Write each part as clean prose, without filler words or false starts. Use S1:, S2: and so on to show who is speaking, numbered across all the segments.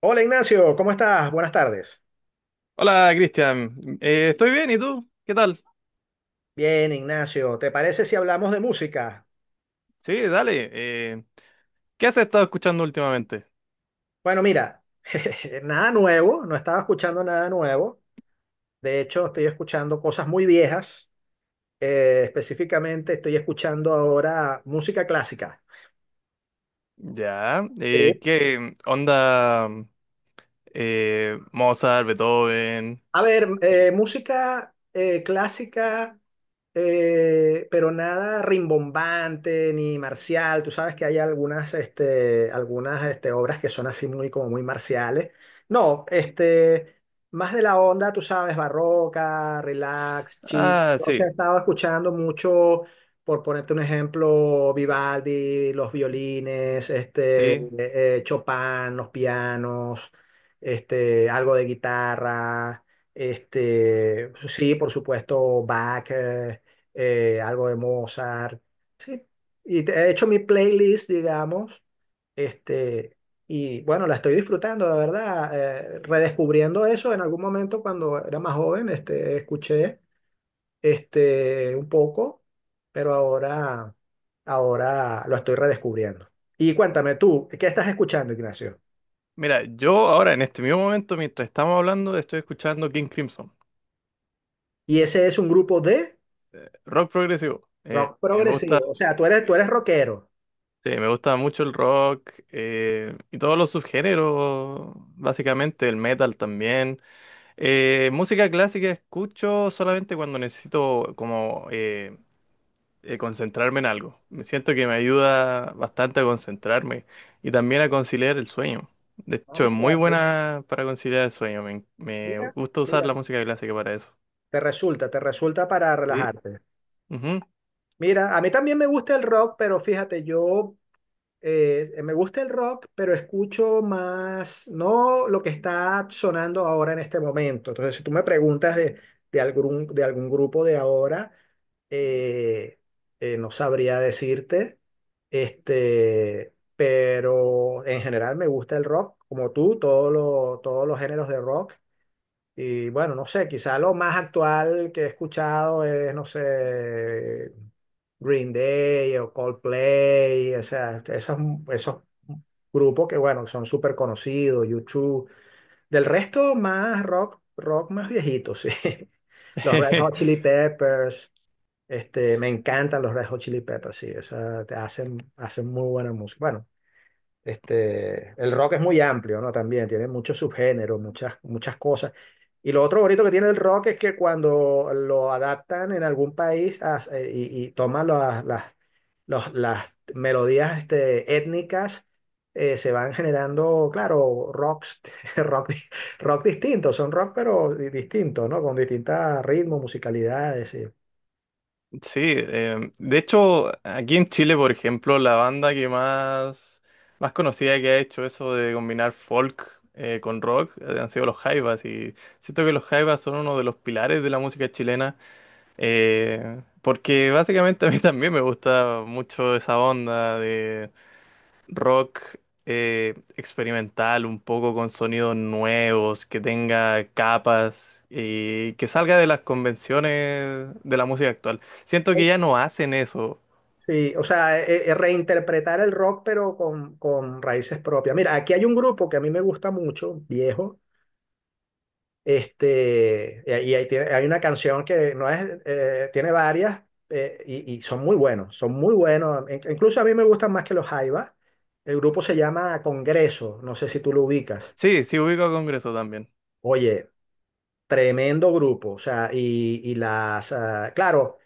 S1: Hola Ignacio, ¿cómo estás? Buenas tardes.
S2: Hola, Cristian. Estoy bien, ¿y tú? ¿Qué tal?
S1: Bien, Ignacio, ¿te parece si hablamos de música?
S2: Sí, dale. ¿Qué has estado escuchando últimamente?
S1: Bueno, mira, nada nuevo, no estaba escuchando nada nuevo. De hecho, estoy escuchando cosas muy viejas. Específicamente, estoy escuchando ahora música clásica.
S2: Ya.
S1: Sí.
S2: ¿Qué onda? Mozart, Beethoven.
S1: A ver, música clásica. Pero nada rimbombante ni marcial. Tú sabes que hay algunas obras que son así muy, como muy marciales. No, este, más de la onda, tú sabes, barroca, relax, chill.
S2: Ah,
S1: Entonces he
S2: sí,
S1: estado escuchando mucho, por ponerte un ejemplo, Vivaldi, los violines,
S2: sí.
S1: Chopin, los pianos, este, algo de guitarra. Este, sí, por supuesto, Bach, algo de Mozart, sí. Y he hecho mi playlist, digamos, este, y bueno, la estoy disfrutando, la verdad, redescubriendo eso en algún momento cuando era más joven, este, escuché este, un poco, pero ahora, ahora lo estoy redescubriendo. Y cuéntame tú, ¿qué estás escuchando, Ignacio?
S2: Mira, yo ahora en este mismo momento, mientras estamos hablando, estoy escuchando King Crimson,
S1: Y ese es un grupo de
S2: rock progresivo.
S1: rock
S2: Me gusta,
S1: progresivo, o sea, tú eres rockero.
S2: sí, me gusta mucho el rock y todos los subgéneros, básicamente el metal también. Música clásica escucho solamente cuando necesito como concentrarme en algo. Me siento que me ayuda bastante a concentrarme y también a conciliar el sueño. De
S1: Ah,
S2: hecho, es
S1: mira,
S2: muy buena para conciliar el sueño. Me
S1: mira,
S2: gusta usar
S1: mira.
S2: la música clásica para eso.
S1: Te resulta para
S2: Sí.
S1: relajarte.
S2: Ujú.
S1: Mira, a mí también me gusta el rock, pero fíjate, yo me gusta el rock, pero escucho más, no lo que está sonando ahora en este momento. Entonces, si tú me preguntas de algún grupo de ahora, eh, no sabría decirte, este, pero en general me gusta el rock, como tú, todos los géneros de rock. Y bueno, no sé, quizá lo más actual que he escuchado es, no sé, Green Day o Coldplay, o sea, esos, esos grupos que, bueno, son súper conocidos, YouTube. Del resto, más rock, rock más viejito, sí. Los Red Hot Chili Peppers, este, me encantan los Red Hot Chili Peppers, sí, o sea, te hacen, hacen muy buena música. Bueno, este, el rock es muy amplio, ¿no? También tiene muchos subgéneros, muchas, muchas cosas. Y lo otro bonito que tiene el rock es que cuando lo adaptan en algún país y toman las melodías este, étnicas, se van generando, claro, rocks, rock, di- rock distintos, son rock pero distintos, ¿no? Con distintos ritmos, musicalidades. Sí.
S2: Sí, de hecho, aquí en Chile, por ejemplo, la banda más conocida que ha hecho eso de combinar folk con rock han sido los Jaivas, y siento que los Jaivas son uno de los pilares de la música chilena porque básicamente a mí también me gusta mucho esa onda rock experimental, un poco con sonidos nuevos, que tenga capas y que salga de las convenciones de la música actual. Siento que ya no hacen eso.
S1: Sí, o sea, reinterpretar el rock pero con raíces propias. Mira, aquí hay un grupo que a mí me gusta mucho, viejo, este, y ahí hay una canción que no es, tiene varias y son muy buenos, son muy buenos. Incluso a mí me gustan más que los Jaivas. El grupo se llama Congreso, no sé si tú lo ubicas.
S2: Sí, sí ubico a Congreso también.
S1: Oye, tremendo grupo, o sea, y las, ah, claro,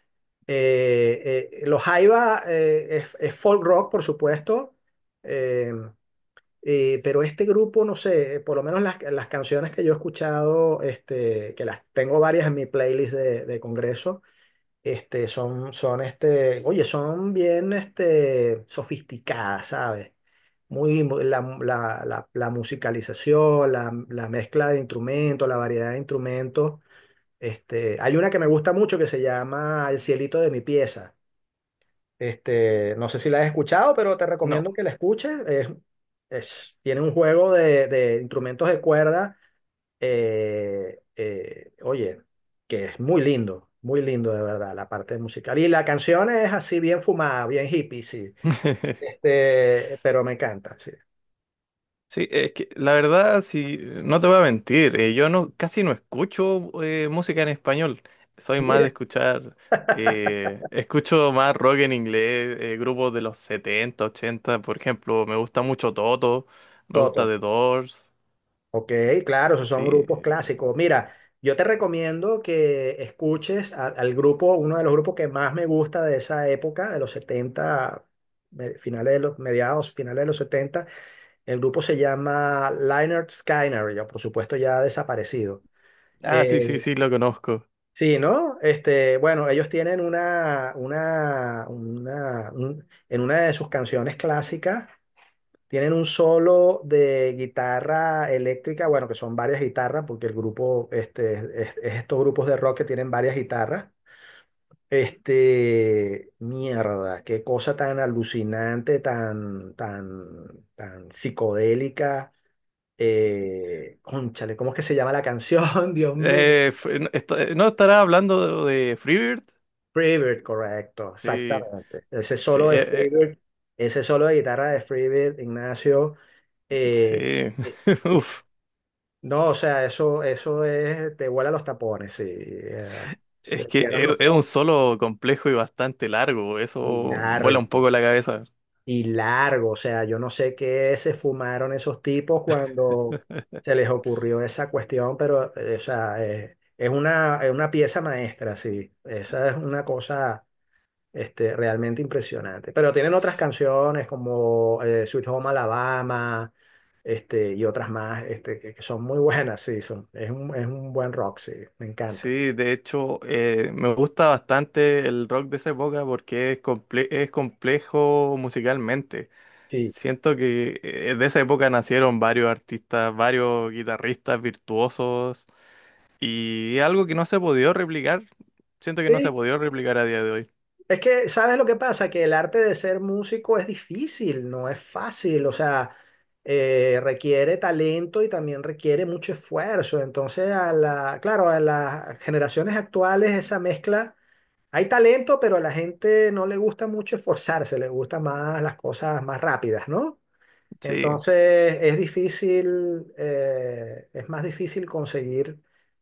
S1: los Jaiba es folk rock, por supuesto, eh, pero este grupo, no sé, por lo menos las canciones que yo he escuchado, este, que las tengo varias en mi playlist de Congreso, este, son, son, este, oye, son bien, este, sofisticadas, ¿sabes? Muy, la musicalización, la mezcla de instrumentos, la variedad de instrumentos este, hay una que me gusta mucho que se llama El cielito de mi pieza. Este, no sé si la has escuchado, pero te
S2: No.
S1: recomiendo que la escuches. Es, tiene un juego de instrumentos de cuerda. Oye, que es muy lindo de verdad, la parte musical. Y la canción es así bien fumada, bien hippie, sí. Este, pero me encanta, sí.
S2: Sí, es que la verdad, si no te voy a mentir, yo no casi no escucho música en español. Soy más de
S1: Mira,
S2: escuchar, escucho más rock en inglés, grupos de los 70, 80, por ejemplo, me gusta mucho Toto, me gusta
S1: Toto.
S2: The Doors,
S1: Ok, claro, esos son grupos
S2: sí.
S1: clásicos. Mira, yo te recomiendo que escuches al grupo, uno de los grupos que más me gusta de esa época, de los setenta, finales de los, mediados, finales de los 70. El grupo se llama Lynyrd Skynyrd, ya por supuesto ya desaparecido.
S2: Ah, sí,
S1: Eh,
S2: sí, sí, lo conozco.
S1: sí, ¿no? Este, bueno, ellos tienen en una de sus canciones clásicas. Tienen un solo de guitarra eléctrica, bueno, que son varias guitarras, porque el grupo, este, es estos grupos de rock que tienen varias guitarras. Este, mierda, qué cosa tan alucinante, tan psicodélica. Cónchale, ¿cómo es que se llama la canción? Dios mío.
S2: ¿No estará hablando de Freebird?
S1: Freebird, correcto,
S2: Sí,
S1: exactamente. Ese
S2: sí,
S1: solo de Freebird, ese solo de guitarra de Freebird, Ignacio. Eh,
S2: eh,
S1: eh,
S2: sí. Uf.
S1: No, o sea, eso es, te vuela los tapones, sí.
S2: Es
S1: Te
S2: que
S1: cierras los
S2: es un
S1: ojos
S2: solo complejo y bastante largo, eso
S1: y
S2: vuela un
S1: largo,
S2: poco la cabeza.
S1: y largo. O sea, yo no sé qué se fumaron esos tipos cuando se les ocurrió esa cuestión, pero, o sea, es una pieza maestra, sí. Esa es una cosa, este, realmente impresionante. Pero tienen otras
S2: S-
S1: canciones como Sweet Home Alabama, este, y otras más, este, que son muy buenas, sí. Son, es un buen rock, sí. Me encanta.
S2: Sí, de hecho, me gusta bastante el rock de esa época porque es complejo musicalmente.
S1: Sí.
S2: Siento que de esa época nacieron varios artistas, varios guitarristas virtuosos, y es algo que no se ha podido replicar. Siento que no se ha
S1: Sí,
S2: podido replicar a día de hoy.
S1: es que, ¿sabes lo que pasa? Que el arte de ser músico es difícil, no es fácil, o sea, requiere talento y también requiere mucho esfuerzo. Entonces, a la, claro, a las generaciones actuales esa mezcla, hay talento, pero a la gente no le gusta mucho esforzarse, le gusta más las cosas más rápidas, ¿no?
S2: Sí.
S1: Entonces es difícil, es más difícil conseguir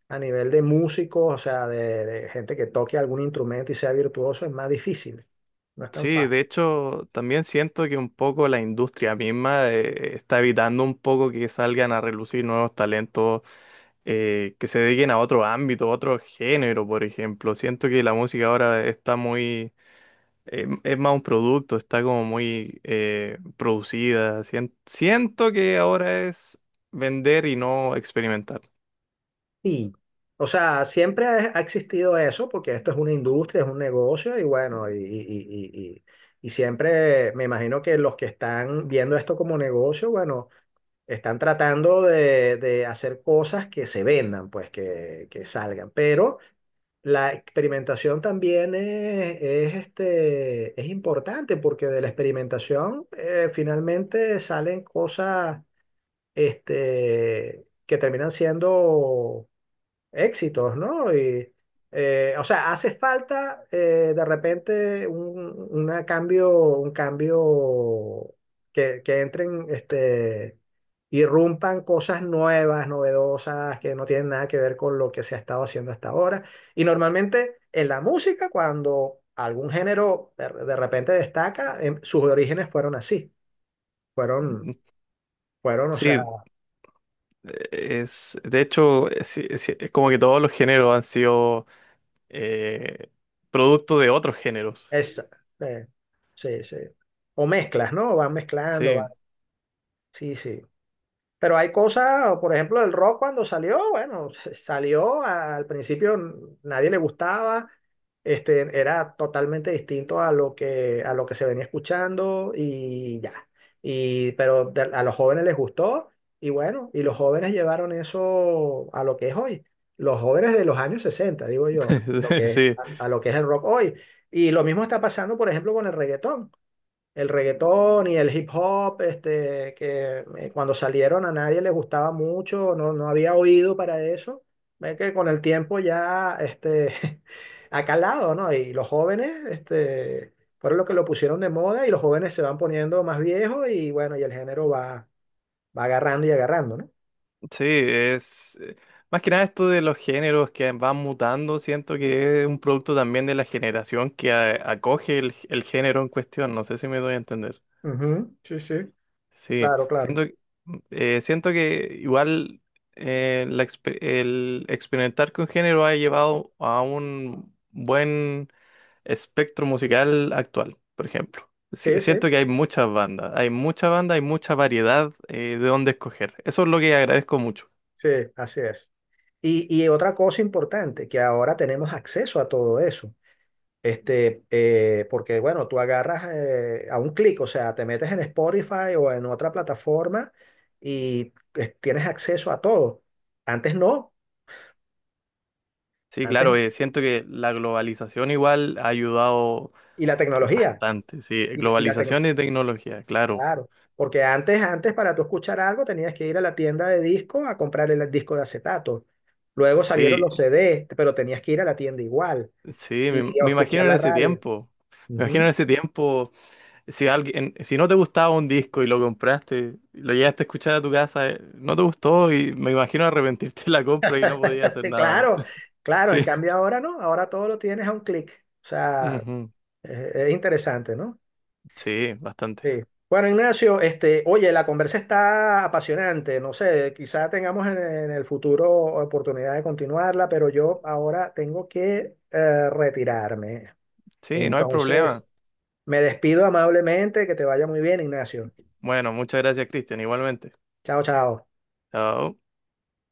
S1: a nivel de músicos, o sea, de gente que toque algún instrumento y sea virtuoso, es más difícil, no es tan
S2: Sí,
S1: fácil.
S2: de hecho, también siento que un poco la industria misma está evitando un poco que salgan a relucir nuevos talentos que se dediquen a otro ámbito, a otro género, por ejemplo. Siento que la música ahora está es más un producto, está como muy producida. Siento que ahora es vender y no experimentar.
S1: Sí. O sea, siempre ha existido eso, porque esto es una industria, es un negocio y bueno, y siempre me imagino que los que están viendo esto como negocio, bueno, están tratando de hacer cosas que se vendan, pues que salgan. Pero la experimentación también es, este, es importante porque de la experimentación finalmente salen cosas este, que terminan siendo éxitos, ¿no? Y, o sea, hace falta de repente un, una cambio, un cambio que entren, este, irrumpan cosas nuevas, novedosas, que no tienen nada que ver con lo que se ha estado haciendo hasta ahora. Y normalmente en la música, cuando algún género de repente destaca, em, sus orígenes fueron así, fueron, fueron, o
S2: Sí,
S1: sea,
S2: de hecho, es como que todos los géneros han sido eh, producto de otros géneros.
S1: es, eh, sí, sí. O mezclas, ¿no? Van mezclando.
S2: Sí,
S1: Sí, sí. Pero hay cosas, por ejemplo, el rock cuando salió, bueno, salió al principio, nadie le gustaba, este, era totalmente distinto a lo que se venía escuchando y ya. Y, pero a los jóvenes les gustó y bueno, y los jóvenes llevaron eso a lo que es hoy. Los jóvenes de los años 60, digo yo, lo que es-
S2: sí,
S1: a lo que es el rock hoy. Y lo mismo está pasando, por ejemplo, con el reggaetón, el reggaetón y el hip hop, este, que cuando salieron a nadie le gustaba mucho, no, no había oído para eso. Ve que con el tiempo ya este, ha calado, ¿no? Y los jóvenes este, fueron los que lo pusieron de moda y los jóvenes se van poniendo más viejos y bueno, y el género va, va agarrando y agarrando, ¿no?
S2: sí, es más que nada esto de los géneros que van mutando, siento que es un producto también de la generación que acoge el género en cuestión, no sé si me doy a entender.
S1: Ujú. Sí, sí,
S2: Sí,
S1: claro, claro.
S2: siento, siento que igual el experimentar con género ha llevado a un buen espectro musical actual, por ejemplo.
S1: Sí, sí,
S2: Siento que hay muchas bandas, hay mucha banda, hay mucha variedad de dónde escoger. Eso es lo que agradezco mucho.
S1: sí, así es. Y otra cosa importante, que ahora tenemos acceso a todo eso. Este, porque bueno, tú agarras a un clic, o sea, te metes en Spotify o en otra plataforma y tienes acceso a todo. Antes no,
S2: Sí,
S1: antes,
S2: claro, siento que la globalización igual ha ayudado
S1: y la tecnología,
S2: bastante. Sí,
S1: y la, y la tec-
S2: globalización y tecnología, claro.
S1: claro, porque antes, antes para tú escuchar algo tenías que ir a la tienda de disco a comprar el disco de acetato. Luego salieron
S2: Sí,
S1: los CD, pero tenías que ir a la tienda igual
S2: sí,
S1: y a
S2: me
S1: escuchar
S2: imagino en
S1: la
S2: ese
S1: radio.
S2: tiempo. Me imagino
S1: Ujú.
S2: en ese tiempo, si alguien, si no te gustaba un disco y lo compraste, lo llegaste a escuchar a tu casa, no te gustó, y me imagino arrepentirte de la compra y no podías hacer nada.
S1: Claro, claro, en
S2: Sí,
S1: cambio ahora no, ahora todo lo tienes a un clic. O sea,
S2: ujú,
S1: Es interesante, ¿no?
S2: sí, bastante.
S1: Sí. Bueno, Ignacio, este, oye, la conversa está apasionante, no sé, quizá tengamos en el futuro oportunidad de continuarla, pero yo ahora tengo que retirarme.
S2: Sí, no hay problema.
S1: Entonces, me despido amablemente, que te vaya muy bien, Ignacio.
S2: Bueno, muchas gracias, Cristian, igualmente.
S1: Chao, chao.
S2: Chao.